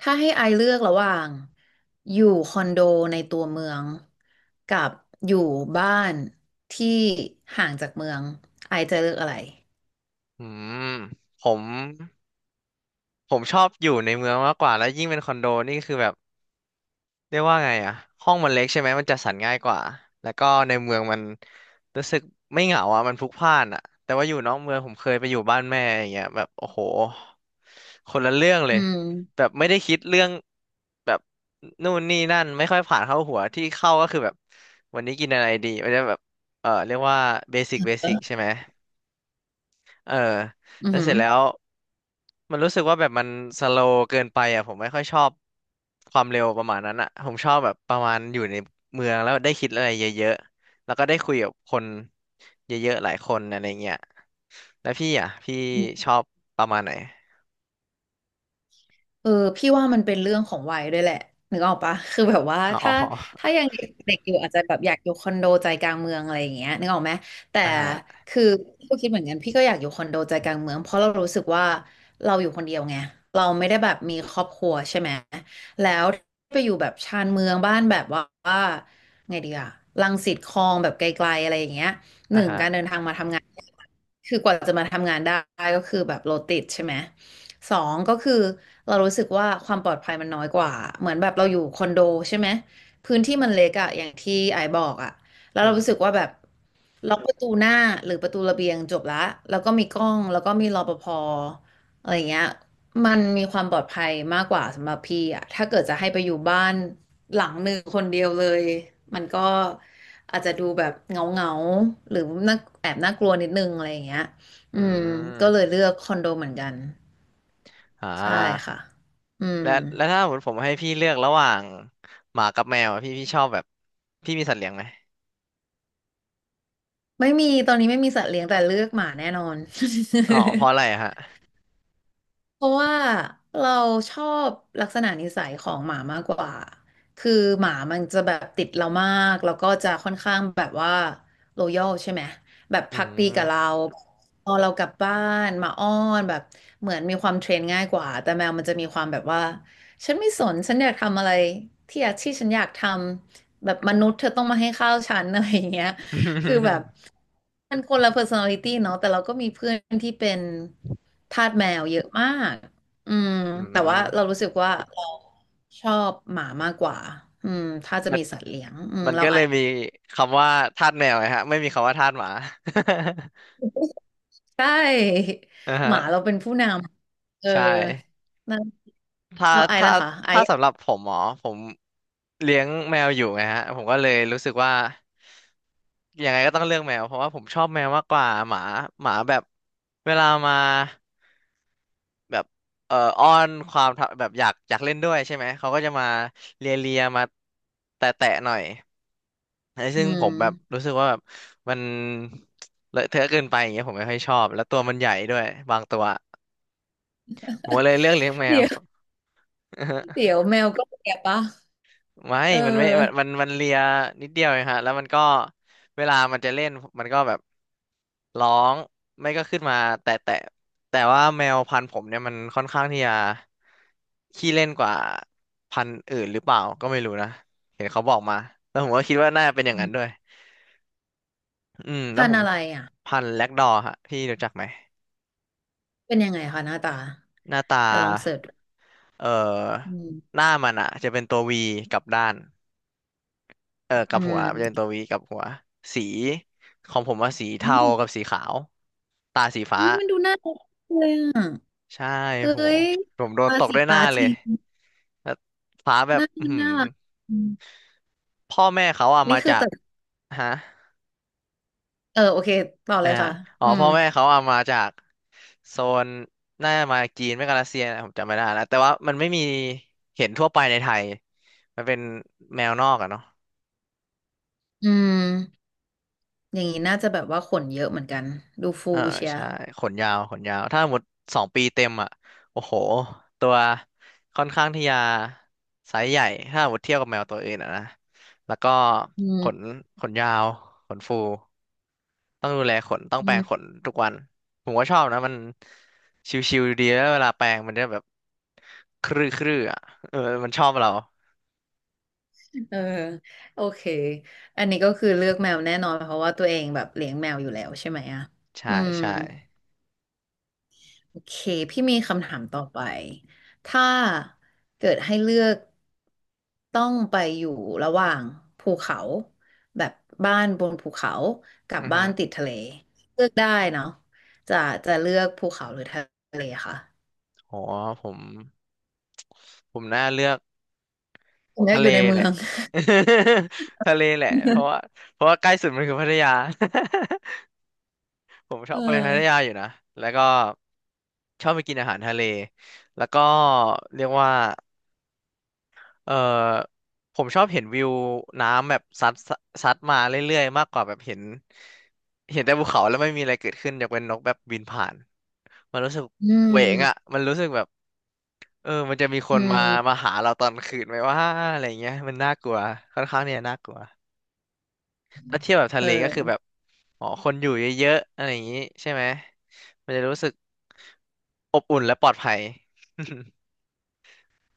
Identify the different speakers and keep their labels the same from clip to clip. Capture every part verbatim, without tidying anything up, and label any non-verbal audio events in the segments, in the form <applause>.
Speaker 1: ถ้าให้ไอเลือกระหว่างอยู่คอนโดในตัวเมืองกับอยู่บ้านที่ห่างจากเมืองไอจะเลือกอะไร
Speaker 2: อืมผมผมชอบอยู่ในเมืองมากกว่าแล้วยิ่งเป็นคอนโดนี่คือแบบเรียกว่าไงอะห้องมันเล็กใช่ไหมมันจัดสรรง่ายกว่าแล้วก็ในเมืองมันรู้สึกไม่เหงาอะมันพลุกพล่านอะแต่ว่าอยู่นอกเมืองผมเคยไปอยู่บ้านแม่อย่างเงี้ยแบบโอ้โหคนละเรื่องเล
Speaker 1: อื
Speaker 2: ยแบ
Speaker 1: ม
Speaker 2: บไม่ได้คิดเรื่องแบบนู่นนี่นั่นไม่ค่อยผ่านเข้าหัวที่เข้าก็คือแบบวันนี้กินอะไรดีมันจะแบบเออเรียกว่าเบสิกเบ
Speaker 1: เอ
Speaker 2: สิก
Speaker 1: อ
Speaker 2: ใช่ไหม เออ
Speaker 1: อือ
Speaker 2: แล้ว
Speaker 1: หื
Speaker 2: เส
Speaker 1: อ
Speaker 2: ร็จแล้วมันรู้สึกว่าแบบมันสโลว์เกินไปอ่ะผมไม่ค่อยชอบความเร็วประมาณนั้นอ่ะผมชอบแบบประมาณอยู่ในเมืองแล้วได้คิดอะไรเยอะๆแล้วก็ได้คุยกับคนเยอะๆหลายคนอะไรเงี้ยแล้วพี่อ่ะพี่ชอบประมาณไหน
Speaker 1: เออพี่ว่ามันเป็นเรื่องของวัยด้วยแหละนึกออกปะคือแบบว่า
Speaker 2: อ๋อ
Speaker 1: ถ้าถ้ายังเด็กๆอยู่อาจจะแบบอยากอยู่คอนโดใจกลางเมืองอะไรอย่างเงี้ยนึกออกไหมแต่
Speaker 2: <laughs> อ่าฮะ
Speaker 1: คือพี่ก็คิดเหมือนกันพี่ก็อยากอยู่คอนโดใจกลางเมืองเพราะเรารู้สึกว่าเราอยู่คนเดียวไงเราไม่ได้แบบมีครอบครัวใช่ไหมแล้วไปอยู่แบบชานเมืองบ้านแบบว่าว่าไงดีอะรังสิตคลองแบบไกลๆอะไรอย่างเงี้ยห
Speaker 2: อ่า
Speaker 1: นึ่ง
Speaker 2: ฮะ
Speaker 1: การเดินทางมาทำงานคือกว่าจะมาทำงานได้ก็คือแบบรถติดใช่ไหม สองก็คือเรารู้สึกว่าความปลอดภัยมันน้อยกว่าเหมือนแบบเราอยู่คอนโดใช่ไหมพื้นที่มันเล็กอะอย่างที่ไอายบอกอะแล้ว
Speaker 2: อื
Speaker 1: เรารู้สึก
Speaker 2: ม
Speaker 1: ว่าแบบล็อกประตูหน้าหรือประตูระเบียงจบละแล้วก็มีกล้องแล้วก็มีรปภอะไรเงี้ยมันมีความปลอดภัยมากกว่าสำหรับพี่อะถ้าเกิดจะให้ไปอยู่บ้านหลังหนึ่งคนเดียวเลยมันก็อาจจะดูแบบเงาเงาหรือน่าแอบน่ากลัวนิดนึงอะไรอย่างเงี้ย
Speaker 2: อื
Speaker 1: อืมก็เลย
Speaker 2: ม
Speaker 1: เลือกคอนโดเหมือนกัน
Speaker 2: อ่
Speaker 1: ใช่
Speaker 2: า
Speaker 1: ค่ะอืม
Speaker 2: และและถ้าผมผมให้พี่เลือกระหว่างหมากับแมวอะพี่พี่ชอบแบบพี่มีสัตว์เลี้ยงไหม
Speaker 1: ไม่มีตอนนี้ไม่มีสัตว์เลี้ยงแต่เลือกหมาแน่นอน
Speaker 2: อ๋อเพราะอะไร
Speaker 1: <laughs>
Speaker 2: อะฮะ
Speaker 1: เพราะว่าเราชอบลักษณะนิสัยของหมามากกว่า คือหมามันจะแบบติดเรามากแล้วก็จะค่อนข้างแบบว่าโลยอลใช่ไหมแบบ
Speaker 2: อื
Speaker 1: พักดีกับเรา
Speaker 2: ม
Speaker 1: พอเรากลับบ้านหมาอ้อนแบบเหมือนมีความเทรนง่ายกว่าแต่แมวมันจะมีความแบบว่าฉันไม่สนฉันอยากทำอะไรที่อยากที่ฉันอยากทำแบบมนุษย์เธอต้องมาให้ข้าวฉัน <laughs> อะไรอย่างเงี้ย คือแบบ
Speaker 2: อ
Speaker 1: มันคนละ personality เนาะแต่เราก็มีเพื่อนที่เป็นทาสแมวเยอะมากอืม
Speaker 2: ื
Speaker 1: แต่ว่าเรา
Speaker 2: ม
Speaker 1: รู้สึกว่าเราชอบหมามากกว่าอืมถ้าจะ
Speaker 2: มัน
Speaker 1: มีสัตว์เลี้ยงอืม
Speaker 2: มัน
Speaker 1: เรา
Speaker 2: ก็เล
Speaker 1: อา
Speaker 2: ย
Speaker 1: จ
Speaker 2: มีคำว่าทาสแมวไงฮะไม่มีคำว่าทาสหมา
Speaker 1: ใช่
Speaker 2: <laughs> อ่า
Speaker 1: ห
Speaker 2: ฮะ
Speaker 1: มาเราเป็นผู้นำเออ
Speaker 2: ใช่
Speaker 1: นั่น
Speaker 2: ถ้า
Speaker 1: เราไอ
Speaker 2: ถ้า
Speaker 1: แล้วค่ะไอ
Speaker 2: ถ้าสำหรับผมหมอผมเลี้ยงแมวอยู่ไงฮะผมก็เลยรู้สึกว่ายังไงก็ต้องเลือกแมวเพราะว่าผมชอบแมวมากกว่าหมาหมาแบบเวลามาแบบเอ่ออ้อนความแบบอยากอยากเล่นด้วยใช่ไหมเขาก็จะมาเลียเลียมาแตะแตะหน่อย ไอ้
Speaker 1: อื
Speaker 2: ซึ่งผ
Speaker 1: ม
Speaker 2: มแบบรู้สึกว่าแบบมันเลอะเทอะเกินไปอย่างเงี้ยผมไม่ค่อยชอบแล้วตัวมันใหญ่ด้วยบางตัวผมก็เลยเลือกเลี้ยงแม
Speaker 1: เดี๋
Speaker 2: ว
Speaker 1: ยวเดี๋ยว
Speaker 2: <laughs>
Speaker 1: แมวก็แก่ปะ
Speaker 2: ไม่
Speaker 1: เอ
Speaker 2: มันไม่มัน
Speaker 1: อ
Speaker 2: มันมันเลียนิดเดียวเองฮะแล้วมันก็เวลามันจะเล่นมันก็แบบร้องไม่ก็ขึ้นมาแต่แต่แต่ว่าแมวพันธุ์ผมเนี่ยมันค่อนข้างที่จะขี้เล่นกว่าพันธุ์อื่นหรือเปล่าก็ไม่รู้นะเห็นเขาบอกมาแล้วผมก็คิดว่าน่าเป็นอย่าง
Speaker 1: อื
Speaker 2: นั้นด้
Speaker 1: ม
Speaker 2: วย อืมแล้ว
Speaker 1: พัน
Speaker 2: ผ
Speaker 1: ธุ์
Speaker 2: ม
Speaker 1: อะไรอ่ะ
Speaker 2: พันแล็กดอร์ฮะพี่รู้จักไหม
Speaker 1: เป็นยังไงคะหน้าตา
Speaker 2: หน้าตา
Speaker 1: เดี๋ยวลองเสิร์ชดู
Speaker 2: เอ่อ
Speaker 1: อื
Speaker 2: ห
Speaker 1: ม
Speaker 2: น้ามันอ่ะจะเป็นตัววีกับด้านเออกั
Speaker 1: อื
Speaker 2: บหัวมันจะเป็นตั
Speaker 1: ม
Speaker 2: ววีกับหัวสีของผมว่าสี
Speaker 1: อ๋
Speaker 2: เทา
Speaker 1: อ
Speaker 2: กับสีขาวตาสีฟ้า
Speaker 1: เฮ้ยมันดูน่า อ
Speaker 2: ใช่
Speaker 1: เฮ้
Speaker 2: โห
Speaker 1: ย
Speaker 2: ผมโดน
Speaker 1: ปา
Speaker 2: ตก
Speaker 1: สิ
Speaker 2: ด้วยห
Speaker 1: ปา
Speaker 2: น้าเล
Speaker 1: ที
Speaker 2: ยแล้วฟ้าแบบ
Speaker 1: น่า
Speaker 2: อือหือ
Speaker 1: น่ารักอืม
Speaker 2: พ่อแม่เขาอ่ะ
Speaker 1: นี่
Speaker 2: มา
Speaker 1: คือ
Speaker 2: จาก
Speaker 1: แต่
Speaker 2: ฮะ
Speaker 1: เออโอเคต่อเล
Speaker 2: อ่า
Speaker 1: ยค่ะ
Speaker 2: อ๋อ
Speaker 1: อืม
Speaker 2: พ่อแม่เขาเอามาจากโซนน่าจะมาจีนไม่ก็รัสเซียนะผมจำไม่ได้แล้วแต่ว่ามันไม่มีเห็นทั่วไปในไทย มันเป็นแมวนอกอะเนาะ
Speaker 1: อืมอย่างนี้น่าจะแบบว่าขนเยอะเหมือนกัน ดูฟู
Speaker 2: เออ
Speaker 1: เชียร์
Speaker 2: ใช่ ขนยาว ขนยาว ถ้าหมดสองปีเต็มอะโอ้โห ตัวค่อนข้างที่จะไซส์ใหญ่ ถ้าหมดเทียบกับแมวตัวอื่นอะนะแล้วก็
Speaker 1: อื
Speaker 2: ข
Speaker 1: ม
Speaker 2: นขนยาว ขนฟู ต้องดูแลขนต้อง
Speaker 1: อื
Speaker 2: แปรง
Speaker 1: ม
Speaker 2: ขนทุกวันผมก็ชอบนะมันชิวๆดีแล้วเวลาแปรงมันจะแบบครื้อครื้ออ่ะเออมันชอบเรา
Speaker 1: เออโอเค อันนี้ก็คือเลือกแมวแน่นอนเพราะว่าตัวเองแบบเลี้ยงแมวอยู่แล้วใช่ไหมอ่ะ
Speaker 2: ใช่
Speaker 1: อืม
Speaker 2: ใช่
Speaker 1: โอเคพี่มีคำถามต่อไปถ้าเกิดให้เลือกต้องไปอยู่ระหว่างภูเขาแบบบ้านบนภูเขากับ
Speaker 2: อือ
Speaker 1: บ้า
Speaker 2: ฮึ
Speaker 1: นติดทะเลเลือกได้เนาะจะจะเลือกภูเขาหรือทะเลคะ
Speaker 2: โหผมผมน่าเลือก
Speaker 1: ผมอยาก
Speaker 2: ทะ
Speaker 1: อ
Speaker 2: เล
Speaker 1: ยู่ในเมื
Speaker 2: แห
Speaker 1: อ
Speaker 2: ละ
Speaker 1: ง
Speaker 2: <laughs> ทะเลแหละเพราะว่า
Speaker 1: <laughs>
Speaker 2: เพราะว่าใกล้สุดมันคือพัทยา <laughs> ผมช
Speaker 1: เอ
Speaker 2: อบไปพัทยา
Speaker 1: อ
Speaker 2: อยู่นะแล้วก็ชอบไปกินอาหารทะเลแล้วก็เรียกว่า เออผมชอบเห็นวิวน้ำแบบซัดซัดมาเรื่อยๆมากกว่าแบบเห็นเห็นแต่ภูเขาแล้วไม่มีอะไรเกิดขึ้นยกเว้นนกแบบบินผ่านมันรู้สึก
Speaker 1: อื
Speaker 2: เหวงอ่ะ
Speaker 1: ม
Speaker 2: มันรู้สึกแบบเออมันจะมีค
Speaker 1: อื
Speaker 2: นมา
Speaker 1: ม
Speaker 2: มาหาเราตอนคืนไหมว่าอะไรเงี้ยมันน่ากลัว <laughs> ค่อนข้างเนี่ยน่ากลัวถ้าเทียบแบบ
Speaker 1: เ
Speaker 2: ทะเลก็คือ
Speaker 1: ออ
Speaker 2: แบบอ๋อคนอยู่เยอะๆอะไรอย่างงี้ใช่ไหมมันจะรู้สึกอบอุ่น <laughs> และปลอดภัย <laughs>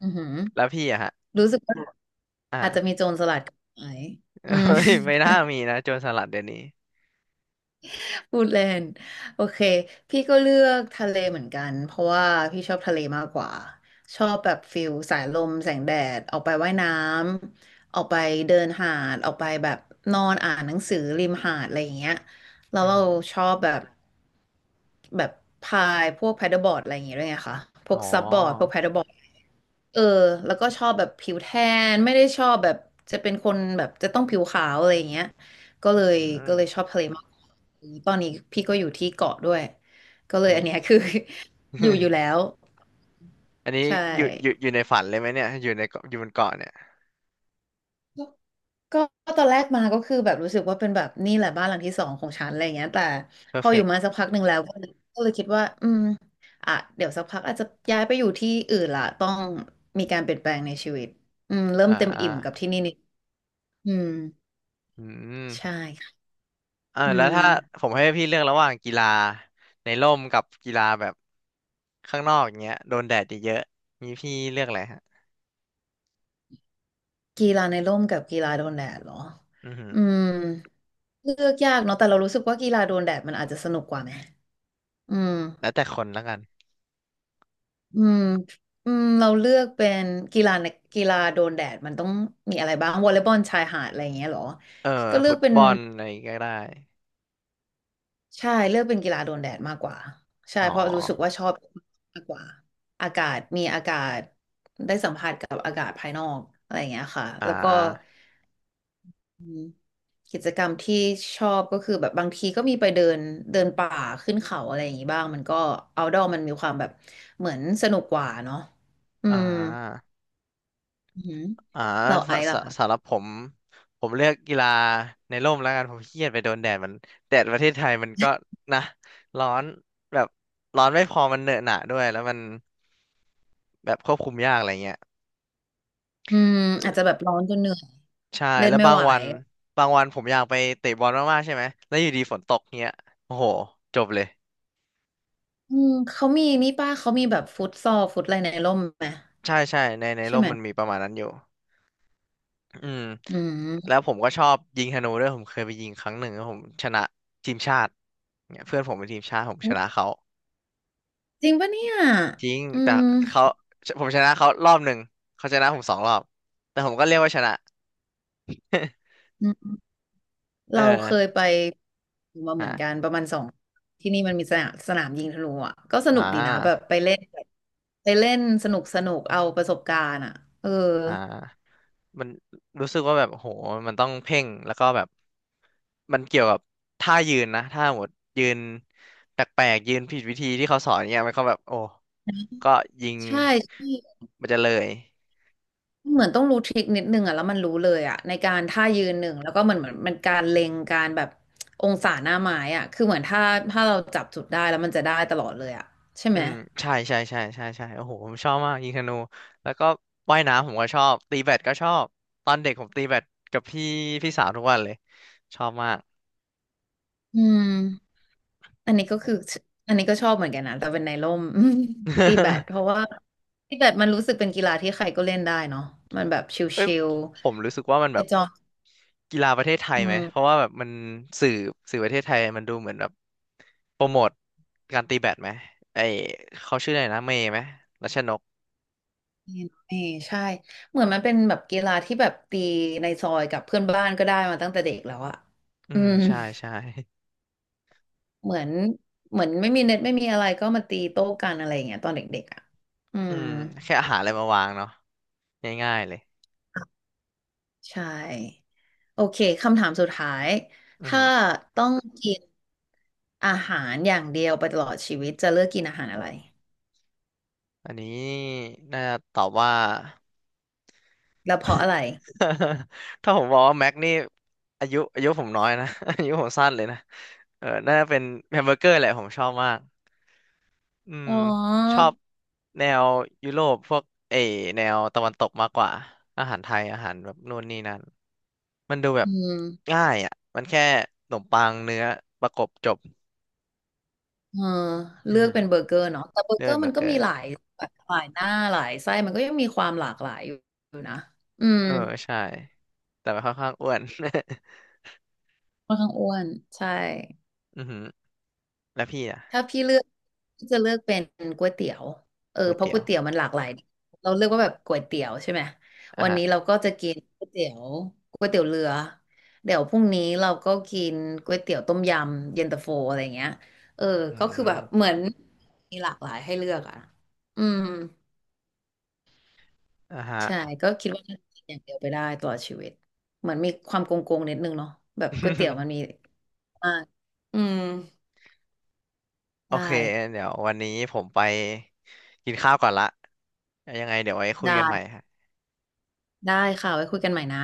Speaker 1: อือหือ
Speaker 2: แล้วพี่อะฮะ
Speaker 1: รู้สึกว่า
Speaker 2: <laughs> อ่า
Speaker 1: อาจจะมีโจรสลัดกับไหมอืม
Speaker 2: <laughs> ไม่ไม่น่ามีนะโจรสลัดเดี๋ยวนี้
Speaker 1: พูดเล่นโอเคพี่ก็เลือกทะเลเหมือนกันเพราะว่าพี่ชอบทะเลมากกว่าชอบแบบฟิลสายลมแสงแดดออกไปว่ายน้ำออกไปเดินหาดออกไปแบบนอนอ่านหนังสือริมหาดอะไรอย่างเงี้ยแล้ว
Speaker 2: อือ
Speaker 1: เรา
Speaker 2: หือ
Speaker 1: ชอบแบบแบบพายพวกแพดเดิลบอร์ดอะไรอย่างเงี้ยด้วยไงคะพว
Speaker 2: อ๋
Speaker 1: ก
Speaker 2: อ
Speaker 1: ซับบอร์ดพวกแพดเดิลบอร์ดเออแล้วก็ชอบแบบผิวแทนไม่ได้ชอบแบบจะเป็นคนแบบจะต้องผิวขาวอะไรอย่างเงี้ย ก็เลย
Speaker 2: อื
Speaker 1: ก็เลยช
Speaker 2: ม
Speaker 1: อบทะเลมากตอนนี้พี่ก็อยู่ที่เกาะด้วยก็เลย
Speaker 2: เฮ้
Speaker 1: อัน
Speaker 2: ย
Speaker 1: เนี้ยคือ <laughs> อยู่อยู่แล้ว
Speaker 2: <laughs> อันนี้
Speaker 1: ใช่
Speaker 2: อยู่อยู่อยู่ในฝันเลยไหมเนี่ยอยู่ในเกาะอยู่บนเกาะเนี่ย
Speaker 1: ก็ก็ตอนแรกมาก็คือแบบรู้สึกว่าเป็นแบบนี่แหละบ้านหลังที่สองของฉันอะไรอย่างเงี้ยแต่
Speaker 2: เพอ
Speaker 1: พ
Speaker 2: ร์
Speaker 1: อ
Speaker 2: เฟ
Speaker 1: อยู่
Speaker 2: กต์
Speaker 1: มาสักพักหนึ่งแล้วก็เลยก็เลยคิดว่าอืมอ่ะเดี๋ยวสักพักอาจจะย้ายไปอยู่ที่อื่นละต้องมีการเปลี่ยนแปลงในชีวิตอืมเริ่
Speaker 2: อ่
Speaker 1: มเต็มอิ่มกับ
Speaker 2: า
Speaker 1: ที่นี่นิดอืม
Speaker 2: อื
Speaker 1: ใช่
Speaker 2: ม
Speaker 1: ค่ะ
Speaker 2: เออ
Speaker 1: อื
Speaker 2: แล้ว
Speaker 1: ม
Speaker 2: ถ้าผมให้พี่เลือกระหว่างกีฬาในร่มกับกีฬาแบบข้างนอกอย่างเงี้ยโดนแดดเยอะๆนี่พี่เลือกอะไรฮะ
Speaker 1: กีฬาในร่มกับกีฬาโดนแดดเหรอ
Speaker 2: อือหือ
Speaker 1: อืม เลือกยากเนาะแต่เรารู้สึกว่ากีฬาโดนแดดมันอาจจะสนุกกว่าไหมอืม
Speaker 2: แล้วแต่คนแล้วกัน
Speaker 1: อืมอืมเราเลือกเป็นกีฬาในกีฬาโดนแดดมันต้องมีอะไรบ้างวอลเลย์บอลชายหาดอะไรอย่างเงี้ยเหรอ
Speaker 2: เออ
Speaker 1: ก็เลือ
Speaker 2: ฟุ
Speaker 1: ก
Speaker 2: ต
Speaker 1: เป็น
Speaker 2: บอลอะไรก็ได้
Speaker 1: ใช่เลือกเป็นกีฬาโดนแดดมากกว่าใช่
Speaker 2: อ๋อ
Speaker 1: เพราะรู้สึกว่าชอบมากกว่าอากาศมีอากาศได้สัมผัสกับอากาศภายนอกอะไรอย่างเงี้ยค่ะ
Speaker 2: อ่
Speaker 1: แล้วก็
Speaker 2: า
Speaker 1: กิจกรรมที่ชอบก็คือแบบบางทีก็มีไปเดินเดินป่าขึ้นเขาอะไรอย่างงี้บ้างมันก็เอาดอมันมีความแบบเหมือนสนุกกว่าเนาะอื
Speaker 2: อ่
Speaker 1: ม
Speaker 2: า
Speaker 1: อือหือ
Speaker 2: อ่า
Speaker 1: เรา
Speaker 2: ส
Speaker 1: ไอซ์
Speaker 2: ส
Speaker 1: ล่ะค่ะ
Speaker 2: สำหรับผมผมเลือกกีฬาในร่มแล้วกันผมขี้เกียจไปโดนแดดมันแดดประเทศไทยมันก็นะร้อนแบบร้อนไม่พอมันเหนอะหนะด้วยแล้วมันแบบควบคุมยากอะไรเงี้ย
Speaker 1: อืมอาจจะแบบร้อนจนเหนื่อย
Speaker 2: ใช่
Speaker 1: เล่น
Speaker 2: แล้ว
Speaker 1: ไม่
Speaker 2: บาง
Speaker 1: ไหว
Speaker 2: วันบางวันผมอยากไปเตะบอลมากๆใช่ไหมแล้วอยู่ดีฝนตกเงี้ยโอ้โหจบเลย
Speaker 1: อืมเขามีนี่ป้าเขามีแบบฟุตซอลฟุตอะไรในร่มไหม
Speaker 2: ใช่ใช่ในใน
Speaker 1: ใช่
Speaker 2: ร่ม
Speaker 1: ไหม
Speaker 2: มันมีประมาณนั้นอยู่อืม
Speaker 1: อื
Speaker 2: แล้
Speaker 1: ม
Speaker 2: วผมก็ชอบยิงธนูด้วยผมเคยไปยิงครั้งหนึ่งแล้วผมชนะทีมชาติเนี่ยเพื่อนผมเป็นทีมชาติผมชนะเขา
Speaker 1: จริงปะเนี่ย
Speaker 2: จริง
Speaker 1: อื
Speaker 2: แต่
Speaker 1: ม
Speaker 2: เขาผมชนะเขารอบหนึ่งเขาชนะผมสองรอบแต่ผมก็เรียกว่าชนะ <laughs> เอ
Speaker 1: เราเค
Speaker 2: อ
Speaker 1: ยไปมาเหมือนกัน
Speaker 2: อ่า
Speaker 1: ประมาณสองที่นี่มันมีสนามสนามยิงธนูอ่ะก็ส
Speaker 2: อ่
Speaker 1: นุกดีนะแบบ
Speaker 2: า
Speaker 1: ไปเล่นไปเล่นสนุกสนุกเอาประสบการณ์อ่ะเออ
Speaker 2: อ่ามันรู้สึกว่าแบบโหมันต้องเพ่งแล้วก็แบบมันเกี่ยวกับท่ายืนนะท่าหมดยืนแปลกๆยืนผิดวิธีที่เขาสอนเนี่ยมันก็แบบโอ้ก็ยิง
Speaker 1: ใช่ที่
Speaker 2: มันจะเลย
Speaker 1: เหมือนต้องรู้ทริคนิดนึงอ่ะแล้วมันรู้เลยอ่ะในการท่ายืนหนึ่งแล้วก็เหมือนเหมือนมันการเล็งการแบบองศาหน้าไม้อ่ะคือเหมือนถ้าถ้าเราจับจุดได้แล้วมันจะได้ตลอดเลยอ่ะใช่ไห
Speaker 2: อื
Speaker 1: ม
Speaker 2: มใช่ใช่ใช่ใช่ใช่โอ้โหผมชอบมากยิงธนูแล้วก็ว่ายน้ำผมก็ชอบตีแบดก็ชอบตอนเด็กผมตีแบดกับพี่พี่สาวทุกวันเลยชอบมาก
Speaker 1: อืม อันนี้ก็คืออันนี้ก็ชอบเหมือนกันนะแต่เป็นในร่ม <laughs> ตีแบดเพราะ
Speaker 2: <laughs>
Speaker 1: ว่าตีแบดมันรู้สึกเป็นกีฬาที่ใครก็เล่นได้เนาะมันแบบ
Speaker 2: เอ้ย
Speaker 1: ชิล
Speaker 2: ผมรู้สึกว่ามัน
Speaker 1: ๆไป
Speaker 2: แบบ
Speaker 1: จอม
Speaker 2: กีฬาประเทศไท
Speaker 1: อื
Speaker 2: ยไหมเพราะ
Speaker 1: ม
Speaker 2: ว่าแบบมันสื่อสื่อประเทศไทยมันดูเหมือนแบบโปรโมทการตีแบดไหมไอเขาชื่ออะไรนะเมย์ไหมรัชนก
Speaker 1: นี่นี่ใช่เหมือนมันเป็นแบบกีฬาที่แบบตีในซอยกับเพื่อนบ้านก็ได้มาตั้งแต่เด็กแล้วอะ
Speaker 2: อื
Speaker 1: อื
Speaker 2: ม
Speaker 1: ม
Speaker 2: ใช่ใช่
Speaker 1: เหมือนเหมือนไม่มีเน็ตไม่มีอะไรก็มาตีโต้กันอะไรอย่างเงี้ยตอนเด็กๆอะอื
Speaker 2: อื
Speaker 1: ม
Speaker 2: มแค่อาหารอะไรมาวางเนาะง่ายๆเลย
Speaker 1: ใช่โอเคคำถามสุดท้าย
Speaker 2: อื
Speaker 1: ถ้า
Speaker 2: ม
Speaker 1: ต้องกิน อาหารอย่างเดียวไปตลอดชีวิตจะเลือกกินอาหาร
Speaker 2: โอ
Speaker 1: อะไร
Speaker 2: ้อันนี้น่าจะตอบว่า
Speaker 1: แล้วเพราะอะไร
Speaker 2: <laughs> ถ้าผมบอกว่าแม็กนี่อายุอายุผมน้อยนะ <laughs> อายุผมสั้นเลยนะเออน่าจะเป็นแฮมเบอร์เกอร์แหละผมชอบมากอืม
Speaker 1: อ๋อ
Speaker 2: ชอบแนวยุโรปพวกเออแนวตะวันตกมากกว่าอาหารไทยอาหารแบบนู่นนี่นั่นมันดูแบ
Speaker 1: อื
Speaker 2: บ
Speaker 1: ม
Speaker 2: ง่ายอ่ะมันแค่ขนมปังเนื้อประกบจบ
Speaker 1: เออ
Speaker 2: อื
Speaker 1: เลื
Speaker 2: อ
Speaker 1: อก
Speaker 2: หือ
Speaker 1: เป็นเบอร์เกอร์เนาะแต่เบอร์เก
Speaker 2: เรื่อ
Speaker 1: อ
Speaker 2: ง
Speaker 1: ร์
Speaker 2: เบ
Speaker 1: มั
Speaker 2: อ
Speaker 1: น
Speaker 2: ร์เก
Speaker 1: ก็
Speaker 2: อ
Speaker 1: มี
Speaker 2: ร์
Speaker 1: หลายแบบหลายหน้าหลายไส้มันก็ยังมีความหลากหลายอยู่อยู่นะอืม
Speaker 2: เออใช่แต่มันค่อนข้างอ้วน
Speaker 1: ค่อนข้างอ้วนใช่
Speaker 2: <laughs> อือหือแล้วพี่อ่ะ
Speaker 1: ถ้าพี่เลือกพี่จะเลือกเป็นก๋วยเตี๋ยวเออ
Speaker 2: ก๋วย
Speaker 1: เพราะ
Speaker 2: เตี๋
Speaker 1: ก๋
Speaker 2: ย
Speaker 1: ว
Speaker 2: ว
Speaker 1: ยเตี๋ยวมันหลากหลายเราเลือกว่าแบบก๋วยเตี๋ยวใช่ไหม
Speaker 2: อ่ะ
Speaker 1: วัน
Speaker 2: ฮะ
Speaker 1: นี้เราก็จะกินก๋วยเตี๋ยวก๋วยเตี๋ยวเรือเดี๋ยวพรุ่งนี้เราก็กินก๋วยเตี๋ยวต้มยำเย็นตาโฟอะไรเงี้ยเออ
Speaker 2: อื
Speaker 1: ก็คือแบบเห
Speaker 2: ม
Speaker 1: มือนมีหลากหลายให้เลือกอ่ะอืม
Speaker 2: อ่ะฮะ
Speaker 1: ใช่ก็คิดว่าน่าจะกินอย่างเดียวไปได้ตลอดชีวิตเหมือนมีความโกงๆนิดนึงเนาะแบบก๋วยเตี๋ยวมัน
Speaker 2: <laughs>
Speaker 1: มีมากอืม
Speaker 2: โอ
Speaker 1: ได้
Speaker 2: เคเดี๋ยววันนี้ผมไปกินข้าวก่อนละยังไงเดี๋ยวไว้คุย
Speaker 1: ได้
Speaker 2: กันใหม่ฮะ
Speaker 1: ได้ค่ะไว้คุยกันใหม่นะ